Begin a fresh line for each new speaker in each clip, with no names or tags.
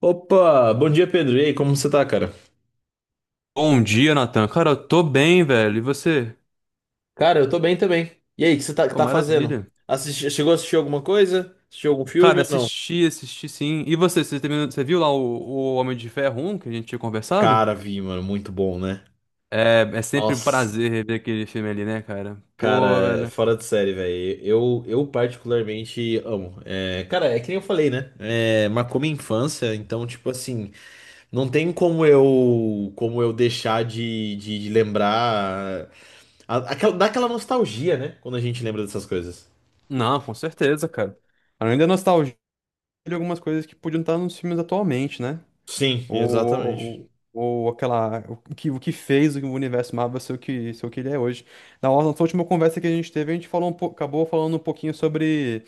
Opa, bom dia Pedro. E aí, como você tá, cara?
Bom dia, Natan. Cara, eu tô bem, velho. E você?
Cara, eu tô bem também. E aí, o que
Pô,
tá fazendo?
maravilha.
Chegou a assistir alguma coisa? Assistiu algum filme
Cara,
ou não?
assisti sim. E você, você viu lá o Homem de Ferro 1 que a gente tinha conversado?
Cara, vi, mano, muito bom, né?
É sempre um
Nossa,
prazer rever aquele filme ali, né, cara?
cara,
Pô,
é
velho.
fora de série, velho. Eu particularmente amo. É, cara, é que nem eu falei, né? É, marcou minha infância, então, tipo assim, não tem como eu deixar de lembrar. Dá aquela nostalgia, né? Quando a gente lembra dessas coisas.
Não, com certeza, cara. Além da nostalgia de algumas coisas que podiam estar nos filmes atualmente, né?
Sim, exatamente.
Ou, ou aquela. O que fez o universo Marvel ser o que ele é hoje. Na nossa última conversa que a gente teve, a gente falou um pouco, acabou falando um pouquinho sobre.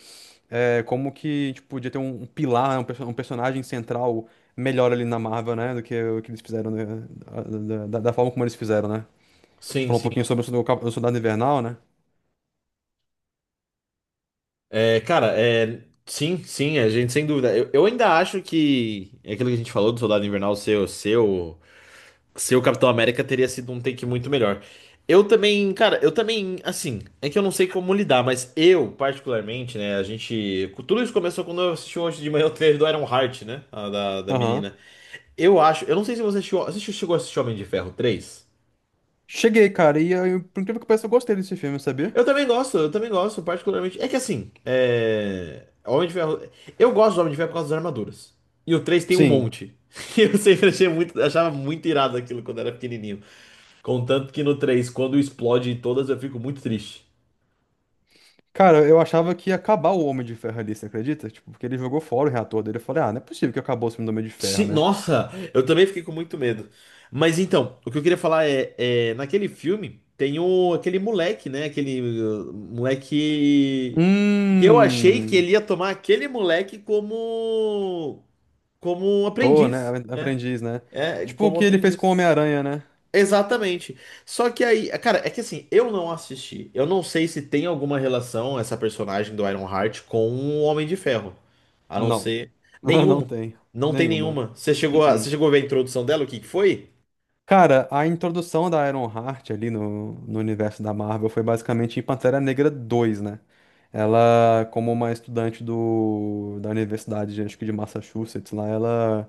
É, como que, tipo, podia ter um pilar, né, um personagem central melhor ali na Marvel, né? Do que o que eles fizeram, né, da forma como eles fizeram, né? A gente
Sim,
falou um
sim.
pouquinho sobre o o Soldado Invernal, né?
É, cara, é, sim, sim, a gente sem dúvida. Eu ainda acho que é aquilo que a gente falou do Soldado Invernal seu Capitão América teria sido um take muito melhor. Eu também, cara, eu também, assim, é que eu não sei como lidar, mas eu, particularmente, né, a gente. Tudo isso começou quando eu assisti hoje de manhã o trailer do Iron Heart, né? Da
Aham.
menina. Eu acho, eu não sei se você chegou a assistir Homem de Ferro 3.
Cheguei, cara, e eu, por incrível que pareça, eu gostei desse filme, sabia?
Eu também gosto, particularmente. É que assim, Homem de Ferro. Eu gosto do Homem de Ferro por causa das armaduras. E o 3 tem um
Sim.
monte. Eu sempre achava muito irado aquilo quando era pequenininho. Contanto que no 3, quando explode em todas, eu fico muito triste.
Cara, eu achava que ia acabar o Homem de Ferro ali, você acredita? Tipo, porque ele jogou fora o reator dele. Eu falei, ah, não é possível que acabou o filme do Homem de Ferro,
Sim,
né?
nossa, eu também fiquei com muito medo. Mas então, o que eu queria falar é, naquele filme tem aquele moleque, né? Aquele moleque que eu achei que
Hum.
ele ia tomar aquele moleque como um
Tô, né?
aprendiz, né?
Aprendiz, né?
É,
Tipo o
como
que ele fez com o
aprendiz.
Homem-Aranha, né?
Exatamente. Só que aí, cara, é que assim, eu não assisti. Eu não sei se tem alguma relação essa personagem do Ironheart com o Homem de Ferro. A não
Não.
ser
Não
nenhuma.
tem.
Não tem
Nenhuma.
nenhuma. Você chegou a, você
Uh-uh.
chegou a ver a introdução dela, o que que foi?
Cara, a introdução da Ironheart ali no universo da Marvel foi basicamente em Pantera Negra 2, né? Ela, como uma estudante da universidade, acho que de Massachusetts, lá, ela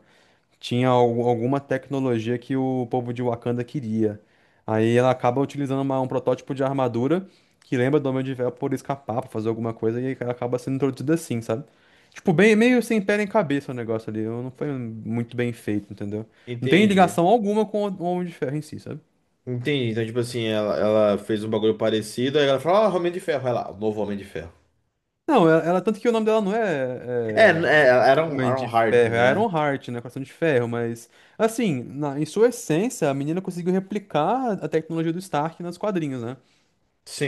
tinha alguma tecnologia que o povo de Wakanda queria. Aí ela acaba utilizando um protótipo de armadura que lembra do Homem de Ferro por escapar, pra fazer alguma coisa, e ela acaba sendo introduzida assim, sabe? Tipo, bem, meio sem pé nem cabeça o negócio ali. Não foi muito bem feito, entendeu? Não tem
Entendi.
ligação alguma com o Homem de Ferro em si, sabe?
Entendi. Então, tipo assim, ela fez um bagulho parecido, aí ela falou, ó, Homem de Ferro, vai lá, o novo Homem de Ferro.
Não, tanto que o nome dela não é, é
Era um
Homem de
Ironheart,
Ferro, é
né?
Ironheart, né? Coração de Ferro, mas assim, em sua essência, a menina conseguiu replicar a tecnologia do Stark nos quadrinhos, né?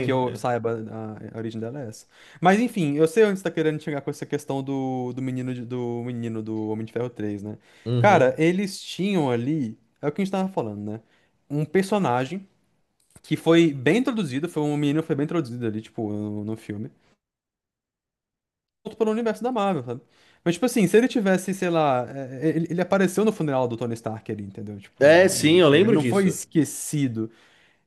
Que eu
É,
saiba, a origem dela é essa. Mas enfim, eu sei onde você tá querendo chegar com essa questão do menino do menino do Homem de Ferro 3, né? Cara,
Uhum.
eles tinham ali, é o que a gente tava falando, né? Um personagem que foi bem introduzido, foi um menino que foi bem introduzido ali, tipo, no filme. Outro pelo universo da Marvel, sabe? Mas, tipo assim, se ele tivesse, sei lá, ele apareceu no funeral do Tony Stark ali, entendeu? Tipo, no,
É,
no
sim,
no
eu
filme. Ele
lembro
não foi
disso.
esquecido.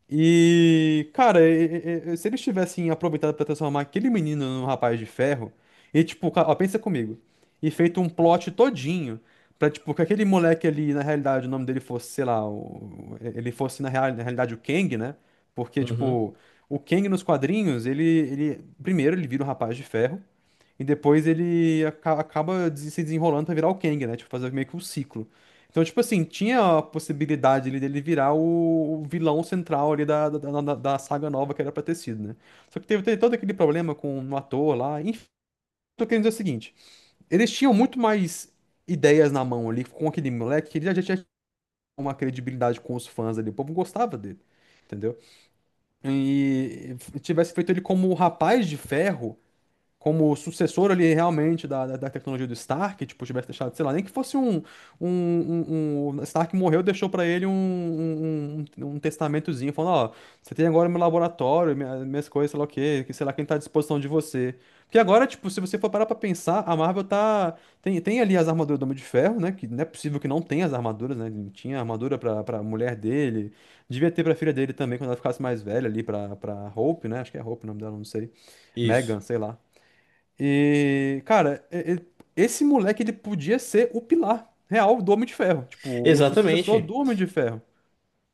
E, cara, se eles tivessem aproveitado pra transformar aquele menino num rapaz de ferro, e tipo, ó, pensa comigo, e feito um plot todinho pra, tipo, que aquele moleque ali, na realidade, o nome dele fosse, sei lá, ele fosse na realidade o Kang, né? Porque,
Uhum.
tipo, o Kang nos quadrinhos, ele, primeiro, ele vira um rapaz de ferro. E depois ele acaba se desenrolando pra virar o Kang, né? Tipo, fazer meio que um ciclo. Então, tipo assim, tinha a possibilidade ali dele virar o vilão central ali da saga nova que era pra ter sido, né? Só que teve todo aquele problema com o ator lá. Enfim, tô querendo dizer o seguinte: eles tinham muito mais ideias na mão ali com aquele moleque que ele já tinha uma credibilidade com os fãs ali. O povo gostava dele, entendeu? E tivesse feito ele como o rapaz de ferro como sucessor ali realmente da tecnologia do Stark, tipo, tivesse deixado, sei lá, nem que fosse Stark morreu, deixou pra ele um testamentozinho, falando, ó, você tem agora meu laboratório, minhas coisas, sei lá o quê, que sei lá quem tá à disposição de você. Porque agora, tipo, se você for parar pra pensar, a Marvel tem ali as armaduras do Homem de Ferro, né, que não é possível que não tenha as armaduras, né, tinha armadura pra mulher dele, devia ter pra filha dele também, quando ela ficasse mais velha ali, pra Hope, né, acho que é Hope o nome dela, não sei,
Isso.
Megan, sei lá. E, cara, esse moleque ele podia ser o pilar real do Homem de Ferro, tipo, o sucessor
Exatamente.
do Homem de Ferro.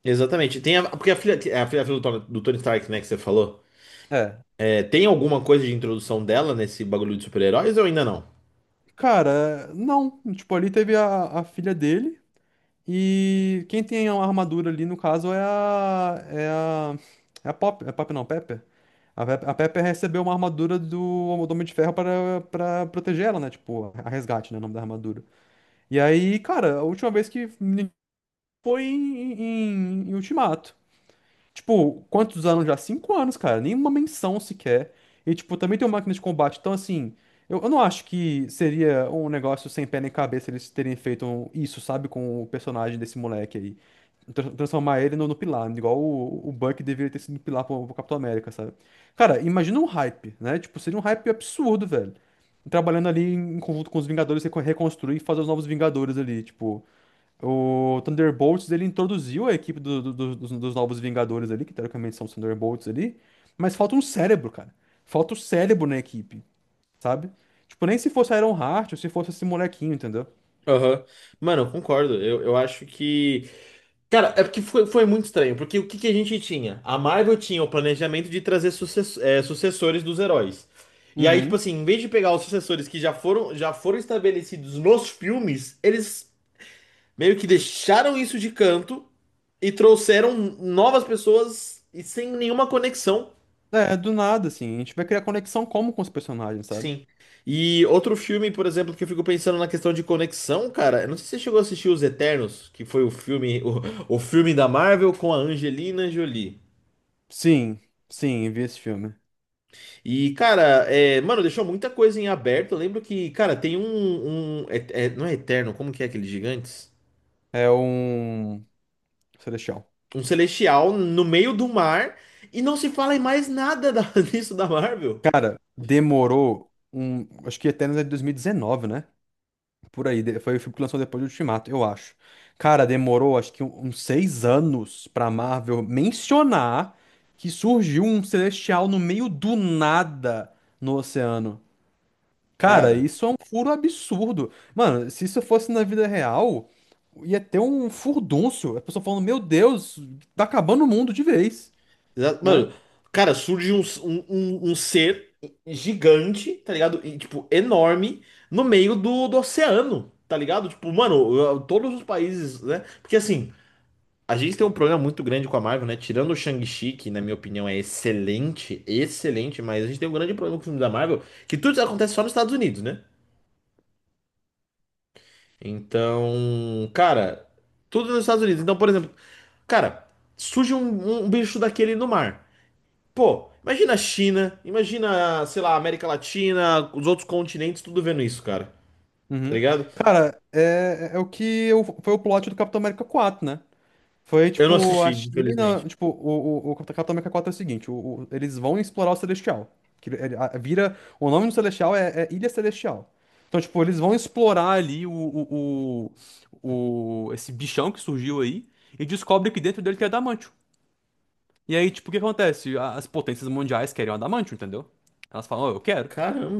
Exatamente. Porque a filha do Tony Stark, né, que você falou,
É.
é, tem alguma coisa de introdução dela nesse bagulho de super-heróis ou ainda não?
Cara, não. Tipo, ali teve a filha dele. E quem tem a armadura ali, no caso, é a. Pop. É Pop não, Pepper. A Pepper recebeu uma armadura do Homem de Ferro para proteger ela, né? Tipo, a resgate, né? O nome da armadura. E aí, cara, a última vez que foi em Ultimato. Tipo, quantos anos já? 5 anos, cara. Nenhuma menção sequer. E, tipo, também tem uma máquina de combate. Então, assim, eu não acho que seria um negócio sem pé nem cabeça eles terem feito isso, sabe? Com o personagem desse moleque aí. Transformar ele no Pilar, igual o Buck deveria ter sido Pilar pro Capitão América, sabe? Cara, imagina um hype, né? Tipo, seria um hype absurdo, velho. Trabalhando ali em conjunto com os Vingadores, reconstruir e fazer os novos Vingadores ali, tipo. O Thunderbolts, ele introduziu a equipe dos Novos Vingadores ali, que teoricamente são os Thunderbolts ali, mas falta um cérebro, cara. Falta o cérebro na equipe, sabe? Tipo, nem se fosse Ironheart ou se fosse esse molequinho, entendeu?
Aham. Mano, eu concordo. Eu acho que. Cara, é porque foi muito estranho. Porque o que, que a gente tinha? A Marvel tinha o planejamento de trazer sucessores dos heróis. E aí, tipo
Uhum.
assim, em vez de pegar os sucessores que já foram estabelecidos nos filmes, eles meio que deixaram isso de canto e trouxeram novas pessoas e sem nenhuma conexão.
É, do nada, assim. A gente vai criar conexão como com os personagens, sabe?
Sim. E outro filme, por exemplo, que eu fico pensando na questão de conexão, cara, eu não sei se você chegou a assistir Os Eternos, que foi o filme, o filme da Marvel com a Angelina Jolie.
Sim, sim, vi esse filme.
E, cara, é, mano, deixou muita coisa em aberto. Eu lembro que, cara, tem não é Eterno, como que é aqueles gigantes?
É um Celestial.
Um celestial no meio do mar e não se fala em mais nada disso da Marvel.
Cara, acho que até no ano de 2019, né? Por aí, foi o filme que lançou depois do Ultimato, eu acho. Cara, demorou acho que uns 6 anos pra Marvel mencionar que surgiu um celestial no meio do nada no oceano. Cara,
Cara.
isso é um furo absurdo. Mano, se isso fosse na vida real, ia ter um furdúncio. A pessoa falando, meu Deus, tá acabando o mundo de vez, né?
Mano, cara, surge um ser gigante, tá ligado? E, tipo, enorme no meio do oceano, tá ligado? Tipo, mano, todos os países, né? Porque assim, a gente tem um problema muito grande com a Marvel, né? Tirando o Shang-Chi, que na minha opinião é excelente, excelente, mas a gente tem um grande problema com o filme da Marvel, que tudo acontece só nos Estados Unidos, né? Então, cara, tudo nos Estados Unidos. Então, por exemplo, cara, surge um bicho daquele no mar. Pô, imagina a China, imagina, sei lá, a América Latina, os outros continentes, tudo vendo isso, cara. Tá
Uhum.
ligado?
Cara, é o que foi o plot do Capitão América 4, né? Foi
Eu não
tipo
assisti,
a China,
infelizmente.
tipo, o Cataca Atômica 4 é o seguinte, eles vão explorar o Celestial. Que vira, o nome do Celestial é Ilha Celestial. Então, tipo, eles vão explorar ali esse bichão que surgiu aí e descobre que dentro dele tem adamantio. E aí, tipo, o que acontece? As potências mundiais querem o adamantium, entendeu? Elas falam, "Ó, eu quero."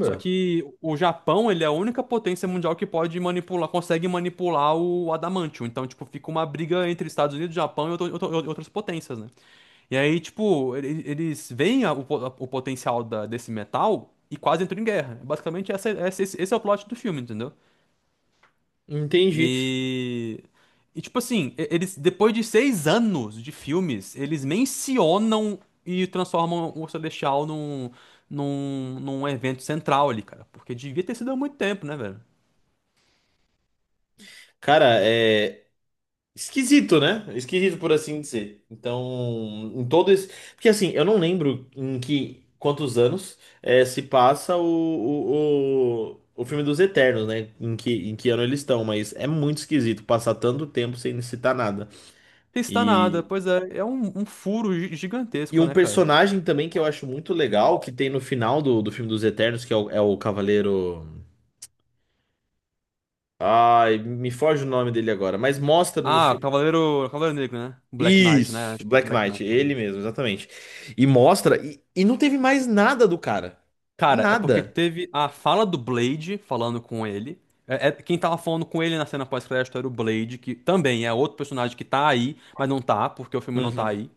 Só que o Japão, ele é a única potência mundial que pode manipular, consegue manipular o adamantium. Então, tipo, fica uma briga entre Estados Unidos, Japão e outras potências, né? E aí, tipo, eles veem o potencial desse metal e quase entram em guerra. Basicamente, esse é o plot do filme, entendeu?
entendi.
E, tipo assim, eles depois de 6 anos de filmes, eles mencionam e transformam o Celestial num evento central ali, cara. Porque devia ter sido há muito tempo, né, velho?
Cara, é esquisito, né? Esquisito por assim dizer. Então, em todo esse. Porque assim, eu não lembro em que quantos anos é, se passa o filme dos Eternos, né? Em que ano eles estão, mas é muito esquisito passar tanto tempo sem citar nada.
Não está nada, pois é um, furo
E
gigantesco,
um
né, cara?
personagem também que eu acho muito legal, que tem no final do filme dos Eternos, que é o Cavaleiro. Ai, me foge o nome dele agora, mas mostra no
Ah,
filme.
Cavaleiro Negro, né? Black Knight, né?
Isso,
Acho que é
Black
Black
Knight,
Knight,
ele
não.
mesmo, exatamente. E mostra, e não teve mais nada do cara.
Cara, é porque
Nada.
teve a fala do Blade falando com ele. Quem tava falando com ele na cena pós-crédito era o Blade, que também é outro personagem que tá aí, mas não tá, porque o filme não tá
Uhum.
aí.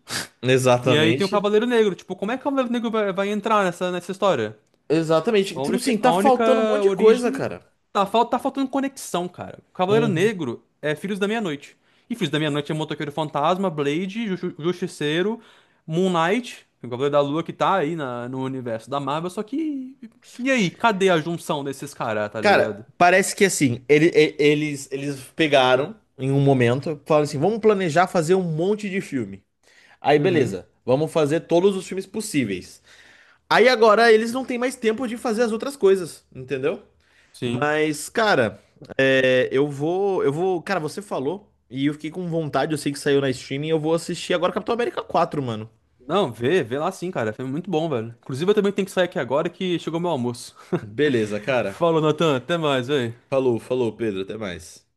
E aí tem o
Exatamente.
Cavaleiro Negro. Tipo, como é que o Cavaleiro Negro vai entrar nessa história?
Exatamente.
A
Tipo
única,
assim, tá
a única
faltando um monte de coisa,
origem.
cara.
Tá faltando conexão, cara. Cavaleiro
Uhum.
Negro é Filhos da Meia-Noite. E Filhos da Meia-Noite é Motoqueiro Fantasma, Blade, Justiceiro, Moon Knight, o Cavaleiro da Lua que tá aí no universo da Marvel, só que. E aí, cadê a junção desses caras, tá
Cara,
ligado?
parece que assim, eles pegaram em um momento, falaram assim: vamos planejar fazer um monte de filme. Aí
Uhum,
beleza, vamos fazer todos os filmes possíveis. Aí agora eles não têm mais tempo de fazer as outras coisas, entendeu?
sim.
Mas, cara, eu vou, cara, você falou e eu fiquei com vontade, eu sei que saiu na streaming, eu vou assistir agora Capitão América 4, mano.
Não, vê lá sim, cara. Foi muito bom, velho. Inclusive, eu também tenho que sair aqui agora que chegou meu almoço.
Beleza, cara.
Falou, Natan. Até mais, velho.
Falou, falou, Pedro, até mais.